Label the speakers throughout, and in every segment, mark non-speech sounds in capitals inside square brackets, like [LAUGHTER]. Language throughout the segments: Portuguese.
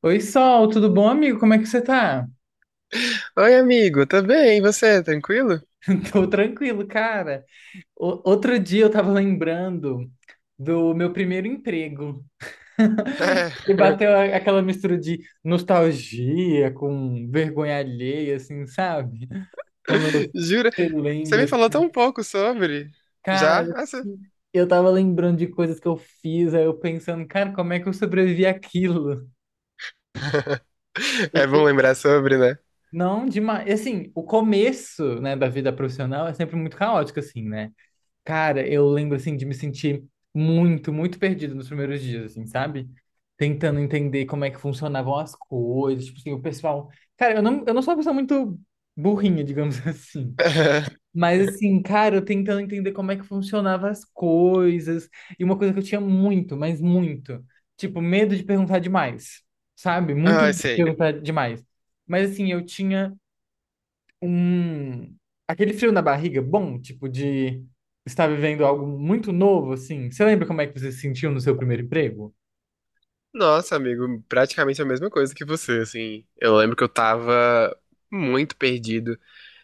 Speaker 1: Oi, Sol, tudo bom, amigo? Como é que você tá?
Speaker 2: Oi, amigo, tá bem? E você, tranquilo?
Speaker 1: [LAUGHS] Tô tranquilo, cara. Outro dia eu tava lembrando do meu primeiro emprego. [LAUGHS]
Speaker 2: É.
Speaker 1: E bateu aquela mistura de nostalgia com vergonha alheia, assim, sabe? Quando
Speaker 2: [LAUGHS] Jura?
Speaker 1: você
Speaker 2: Você
Speaker 1: lembra,
Speaker 2: me falou
Speaker 1: assim,
Speaker 2: tão pouco sobre. Já?
Speaker 1: cara,
Speaker 2: Ah, sim.
Speaker 1: assim, eu tava lembrando de coisas que eu fiz, aí eu pensando, cara, como é que eu sobrevivi àquilo?
Speaker 2: [LAUGHS]
Speaker 1: O
Speaker 2: É bom
Speaker 1: co-
Speaker 2: lembrar sobre, né?
Speaker 1: Não, demais. Assim, o começo, né, da vida profissional é sempre muito caótico, assim, né? Cara, eu lembro assim de me sentir muito, muito perdido nos primeiros dias, assim, sabe? Tentando entender como é que funcionavam as coisas, tipo assim, o pessoal. Cara, eu não sou uma pessoa muito burrinha, digamos [LAUGHS] assim.
Speaker 2: [LAUGHS]
Speaker 1: Mas assim, cara, eu tentando entender como é que funcionavam as coisas. E uma coisa que eu tinha muito, mas muito, tipo, medo de perguntar demais, sabe? Muito
Speaker 2: Ah,
Speaker 1: medo de
Speaker 2: sei.
Speaker 1: perguntar demais. Mas assim, eu tinha um aquele frio na barriga bom, tipo de estar vivendo algo muito novo assim. Você lembra como é que você se sentiu no seu primeiro emprego?
Speaker 2: Nossa, amigo, praticamente a mesma coisa que você, assim. Eu lembro que eu tava muito perdido.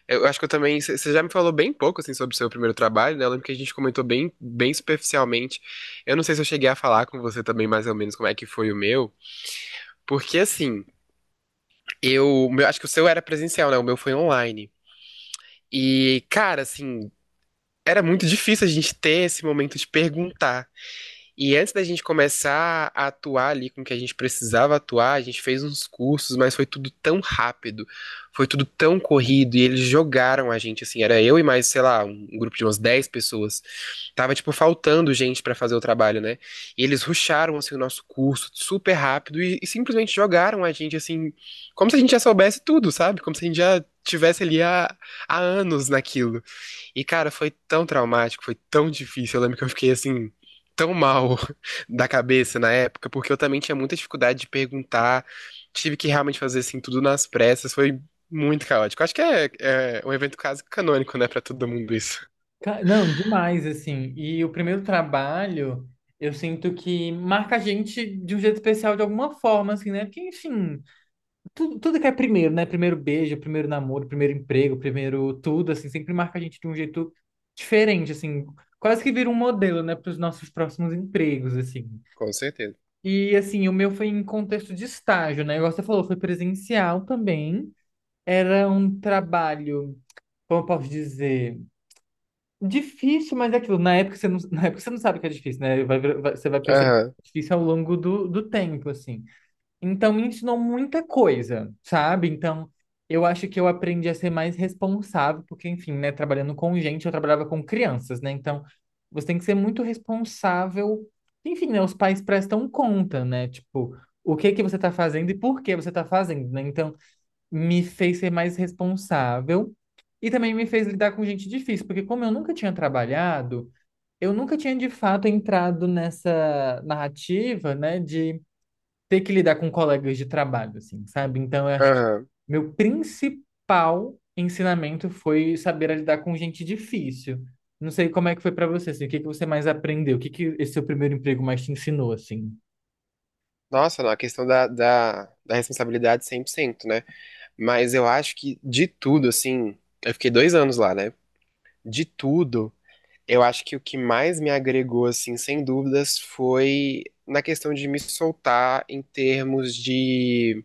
Speaker 2: Eu acho que eu também. Você já me falou bem pouco, assim, sobre o seu primeiro trabalho, né? Eu lembro que a gente comentou bem, bem superficialmente. Eu não sei se eu cheguei a falar com você também, mais ou menos, como é que foi o meu. Porque, assim. Eu, acho que o seu era presencial, né? O meu foi online. E, cara, assim, era muito difícil a gente ter esse momento de perguntar. E antes da gente começar a atuar ali com o que a gente precisava atuar, a gente fez uns cursos, mas foi tudo tão rápido, foi tudo tão corrido, e eles jogaram a gente, assim, era eu e mais, sei lá, um grupo de umas 10 pessoas. Tava, tipo, faltando gente pra fazer o trabalho, né? E eles rusharam, assim, o nosso curso super rápido e simplesmente jogaram a gente, assim, como se a gente já soubesse tudo, sabe? Como se a gente já tivesse ali há anos naquilo. E, cara, foi tão traumático, foi tão difícil. Eu lembro que eu fiquei assim, tão mal [LAUGHS] da cabeça na época, porque eu também tinha muita dificuldade de perguntar. Tive que realmente fazer assim, tudo nas pressas. Foi muito caótico. Acho que é um evento quase canônico, né, pra todo mundo isso.
Speaker 1: Não, demais assim. E o primeiro trabalho, eu sinto que marca a gente de um jeito especial de alguma forma assim, né? Porque enfim, tudo que é primeiro, né? Primeiro beijo, primeiro namoro, primeiro emprego, primeiro tudo assim, sempre marca a gente de um jeito diferente assim. Quase que vira um modelo, né, para os nossos próximos empregos, assim.
Speaker 2: Com certeza.
Speaker 1: E assim, o meu foi em contexto de estágio, né? Igual você falou, foi presencial também. Era um trabalho, como eu posso dizer, difícil, mas é aquilo. Na época você não, [LAUGHS] na época você não sabe que é difícil, né? Você vai perceber que
Speaker 2: Aham,
Speaker 1: é difícil ao longo do tempo, assim. Então me ensinou muita coisa, sabe? Então eu acho que eu aprendi a ser mais responsável, porque enfim, né, trabalhando com gente, eu trabalhava com crianças, né? Então você tem que ser muito responsável. Enfim, né, os pais prestam conta, né? Tipo, o que que você tá fazendo e por que você tá fazendo, né? Então me fez ser mais responsável e também me fez lidar com gente difícil, porque como eu nunca tinha trabalhado, eu nunca tinha de fato entrado nessa narrativa, né, de ter que lidar com colegas de trabalho, assim, sabe? Então, eu acho que
Speaker 2: aham.
Speaker 1: meu principal ensinamento foi saber lidar com gente difícil. Não sei como é que foi pra você, assim, o que que você mais aprendeu? O que que esse seu primeiro emprego mais te ensinou, assim?
Speaker 2: Nossa, não, a questão da responsabilidade 100%, né? Mas eu acho que de tudo, assim, eu fiquei 2 anos lá, né? De tudo. Eu acho que o que mais me agregou, assim, sem dúvidas, foi na questão de me soltar em termos de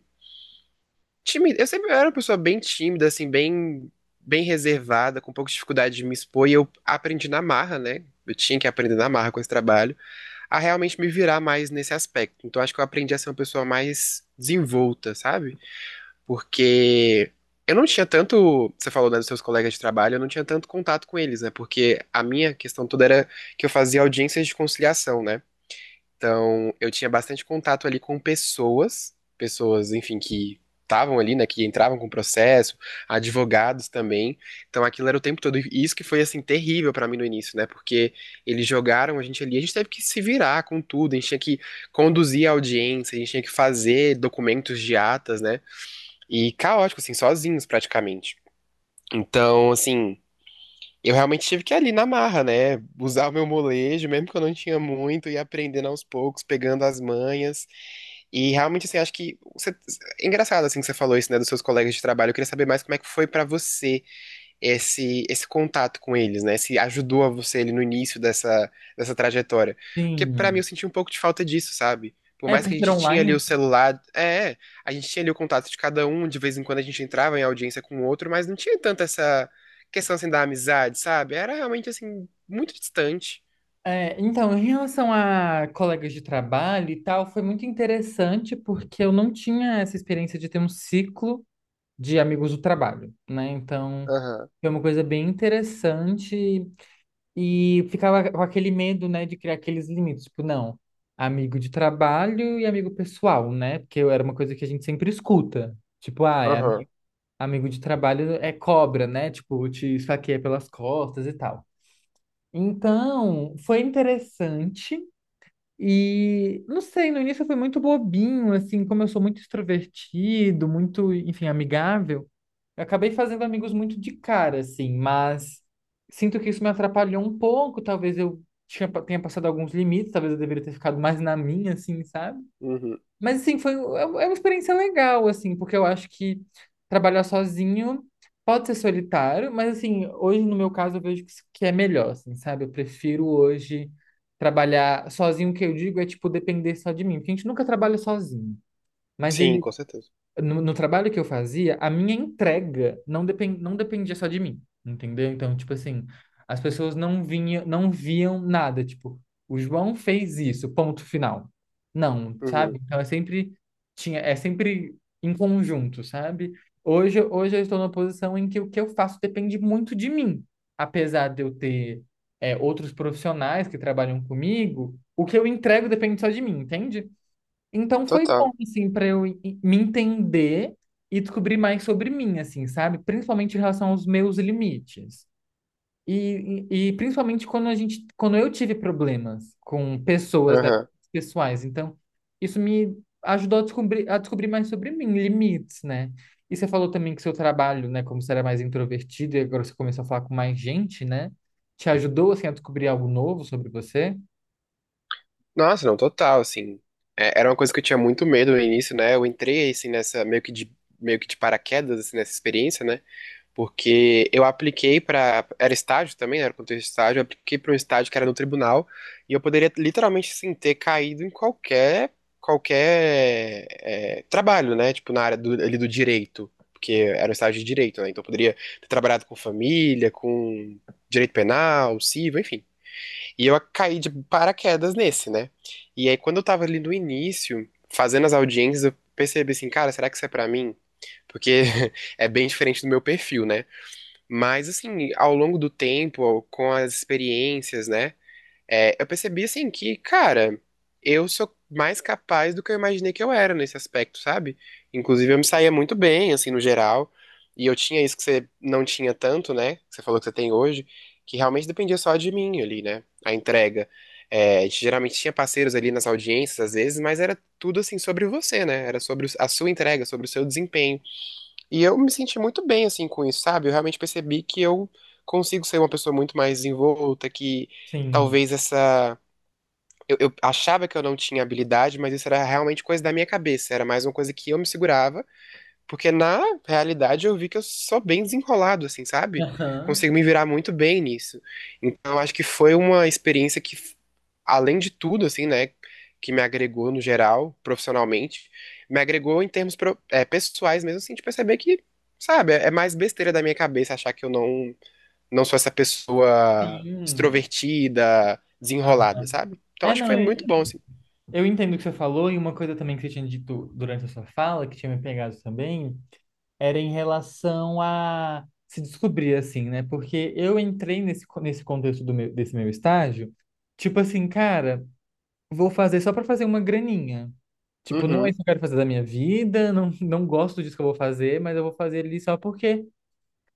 Speaker 2: tímida. Eu sempre era uma pessoa bem tímida, assim, bem, bem reservada, com pouca dificuldade de me expor, e eu aprendi na marra, né? Eu tinha que aprender na marra com esse trabalho, a realmente me virar mais nesse aspecto. Então acho que eu aprendi a ser uma pessoa mais desenvolta, sabe? Porque eu não tinha tanto, você falou, né, dos seus colegas de trabalho, eu não tinha tanto contato com eles, né? Porque a minha questão toda era que eu fazia audiências de conciliação, né? Então, eu tinha bastante contato ali com pessoas, pessoas, enfim, que estavam ali, né, que entravam com o processo, advogados também. Então, aquilo era o tempo todo. E isso que foi assim terrível pra mim no início, né? Porque eles jogaram a gente ali, a gente teve que se virar com tudo, a gente tinha que conduzir a audiência, a gente tinha que fazer documentos de atas, né? E caótico, assim, sozinhos praticamente. Então, assim, eu realmente tive que ir ali na marra, né? Usar o meu molejo, mesmo que eu não tinha muito, e aprendendo aos poucos, pegando as manhas. E realmente, assim, é engraçado, assim, que você falou isso, né, dos seus colegas de trabalho. Eu queria saber mais como é que foi pra você esse contato com eles, né? Se ajudou a você ali no início dessa trajetória. Porque pra mim
Speaker 1: Sim.
Speaker 2: eu senti um pouco de falta disso, sabe? Por
Speaker 1: É,
Speaker 2: mais
Speaker 1: por
Speaker 2: que a
Speaker 1: ser
Speaker 2: gente tinha ali
Speaker 1: online?
Speaker 2: o celular, a gente tinha ali o contato de cada um, de vez em quando a gente entrava em audiência com o outro, mas não tinha tanto essa questão assim da amizade, sabe? Era realmente assim muito distante.
Speaker 1: É, então, em relação a colegas de trabalho e tal, foi muito interessante porque eu não tinha essa experiência de ter um ciclo de amigos do trabalho, né? Então,
Speaker 2: Aham,
Speaker 1: foi uma coisa bem interessante. E ficava com aquele medo, né, de criar aqueles limites. Tipo, não, amigo de trabalho e amigo pessoal, né? Porque era uma coisa que a gente sempre escuta. Tipo,
Speaker 2: aham,
Speaker 1: amigo de trabalho é cobra, né? Tipo, te esfaqueia pelas costas e tal. Então, foi interessante. E não sei, no início eu fui muito bobinho, assim, como eu sou muito extrovertido, muito, enfim, amigável, eu acabei fazendo amigos muito de cara, assim, mas sinto que isso me atrapalhou um pouco, talvez eu tenha passado alguns limites, talvez eu deveria ter ficado mais na minha, assim, sabe?
Speaker 2: uhum.
Speaker 1: Mas assim, é uma experiência legal, assim, porque eu acho que trabalhar sozinho pode ser solitário, mas assim, hoje no meu caso eu vejo que que é melhor, assim, sabe? Eu prefiro hoje trabalhar sozinho, o que eu digo é tipo depender só de mim, porque a gente nunca trabalha sozinho, mas
Speaker 2: Sim,
Speaker 1: ele
Speaker 2: com certeza.
Speaker 1: no trabalho que eu fazia, a minha entrega não, depen- não dependia só de mim, entendeu? Então, tipo assim, as pessoas não vinham, não viam nada, tipo, o João fez isso, ponto final. Não,
Speaker 2: Uhum.
Speaker 1: sabe? Então é sempre em conjunto, sabe? Hoje eu estou numa posição em que o que eu faço depende muito de mim, apesar de eu ter outros profissionais que trabalham comigo, o que eu entrego depende só de mim, entende? Então foi bom,
Speaker 2: Total.
Speaker 1: assim, para me entender e descobrir mais sobre mim, assim, sabe? Principalmente em relação aos meus limites. E principalmente quando eu tive problemas com pessoas, né,
Speaker 2: Aham.
Speaker 1: pessoais. Então, isso me ajudou a descobrir mais sobre mim, limites, né? E você falou também que seu trabalho, né, como você era mais introvertido e agora você começou a falar com mais gente, né? Te ajudou, assim, a descobrir algo novo sobre você?
Speaker 2: Nossa, não, total, assim. É, era uma coisa que eu tinha muito medo no início, né? Eu entrei, assim, nessa, meio que de paraquedas, assim, nessa experiência, né? Porque eu apliquei pra. Era estágio também, né? Era contexto de estágio. Eu apliquei pra um estágio que era no tribunal. E eu poderia, literalmente, assim, ter caído em qualquer trabalho, né? Tipo, na área do, ali do direito. Porque era um estágio de direito, né? Então eu poderia ter trabalhado com família, com direito penal, civil, enfim. E eu caí de paraquedas nesse, né? E aí, quando eu tava ali no início, fazendo as audiências, eu percebi assim, cara, será que isso é pra mim? Porque [LAUGHS] é bem diferente do meu perfil, né? Mas, assim, ao longo do tempo, com as experiências, né? É, eu percebi assim que, cara, eu sou mais capaz do que eu imaginei que eu era nesse aspecto, sabe? Inclusive eu me saía muito bem, assim, no geral. E eu tinha isso que você não tinha tanto, né? Que você falou que você tem hoje, que realmente dependia só de mim ali, né? A entrega. É, a gente geralmente tinha parceiros ali nas audiências, às vezes, mas era tudo assim sobre você, né? Era sobre a sua entrega, sobre o seu desempenho. E eu me senti muito bem, assim, com isso, sabe? Eu realmente percebi que eu consigo ser uma pessoa muito mais desenvolta, que
Speaker 1: Sim.
Speaker 2: talvez essa. Eu achava que eu não tinha habilidade, mas isso era realmente coisa da minha cabeça, era mais uma coisa que eu me segurava porque na realidade eu vi que eu sou bem desenrolado, assim, sabe?
Speaker 1: Aham,
Speaker 2: Consigo me virar muito bem nisso. Então eu acho que foi uma experiência que, além de tudo, assim, né, que me agregou no geral, profissionalmente, me agregou em termos pessoais mesmo, assim, de perceber que, sabe, é mais besteira da minha cabeça achar que eu não, não sou essa pessoa
Speaker 1: sim.
Speaker 2: extrovertida, desenrolada,
Speaker 1: Aham.
Speaker 2: sabe? Então
Speaker 1: É,
Speaker 2: acho que
Speaker 1: não,
Speaker 2: foi muito bom, assim.
Speaker 1: eu entendo o que você falou, e uma coisa também que você tinha dito durante a sua fala, que tinha me pegado também, era em relação a se descobrir, assim, né? Porque eu entrei nesse contexto desse meu estágio, tipo assim, cara, vou fazer só para fazer uma graninha. Tipo, não é
Speaker 2: Uhum.
Speaker 1: isso que eu quero fazer da minha vida, não gosto disso que eu vou fazer, mas eu vou fazer ali só porque,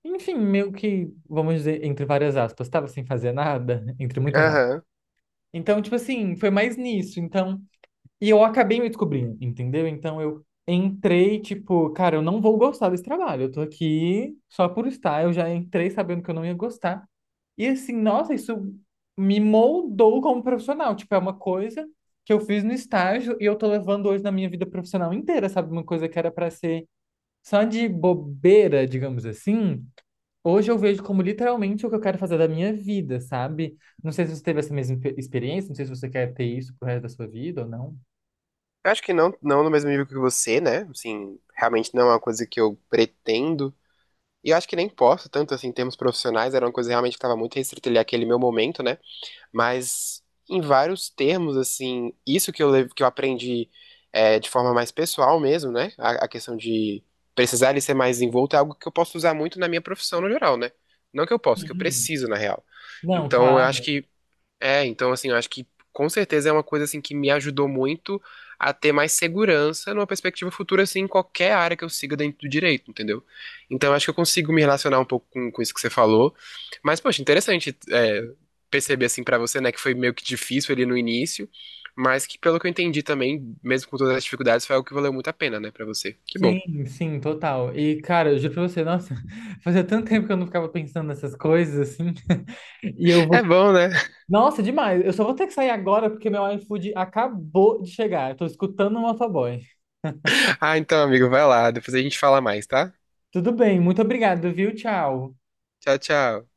Speaker 1: enfim, meio que, vamos dizer, entre várias aspas, tava sem fazer nada, [LAUGHS] entre muitas aspas.
Speaker 2: Aham.
Speaker 1: Então, tipo assim, foi mais nisso. Então. E eu acabei me descobrindo, entendeu? Então eu entrei, tipo, cara, eu não vou gostar desse trabalho. Eu tô aqui só por estar. Eu já entrei sabendo que eu não ia gostar. E assim, nossa, isso me moldou como profissional. Tipo, é uma coisa que eu fiz no estágio e eu tô levando hoje na minha vida profissional inteira, sabe? Uma coisa que era pra ser só de bobeira, digamos assim. Hoje eu vejo como literalmente o que eu quero fazer da minha vida, sabe? Não sei se você teve essa experiência, não sei se você quer ter isso pro resto da sua vida ou não.
Speaker 2: Eu acho que não, não no mesmo nível que você, né? Assim, realmente não é uma coisa que eu pretendo. E eu acho que nem posso, tanto assim, em termos profissionais, era uma coisa realmente que estava muito restrita ali àquele meu momento, né? Mas em vários termos, assim, isso que que eu aprendi de forma mais pessoal mesmo, né? A questão de precisar ele ser mais envolto é algo que eu posso usar muito na minha profissão no geral, né? Não que eu posso, que eu
Speaker 1: Sim.
Speaker 2: preciso, na real.
Speaker 1: Não,
Speaker 2: Então, eu acho
Speaker 1: claro.
Speaker 2: que então assim, eu acho que com certeza é uma coisa assim que me ajudou muito a ter mais segurança numa perspectiva futura, assim, em qualquer área que eu siga dentro do direito, entendeu? Então eu acho que eu consigo me relacionar um pouco com isso que você falou. Mas, poxa, interessante perceber assim pra você, né, que foi meio que difícil ali no início, mas que pelo que eu entendi também, mesmo com todas as dificuldades, foi algo que valeu muito a pena, né, pra você. Que bom.
Speaker 1: Sim, sim, total. E, cara, eu juro pra você, nossa, [LAUGHS] fazia tanto tempo que eu não ficava pensando nessas coisas, assim. [LAUGHS] E eu
Speaker 2: É
Speaker 1: vou.
Speaker 2: bom, né?
Speaker 1: Nossa, demais. Eu só vou ter que sair agora porque meu iFood acabou de chegar. Eu tô escutando o motoboy.
Speaker 2: [LAUGHS] Ah, então, amigo, vai lá, depois a gente fala mais, tá?
Speaker 1: Tudo bem, muito obrigado, viu? Tchau.
Speaker 2: Tchau, tchau.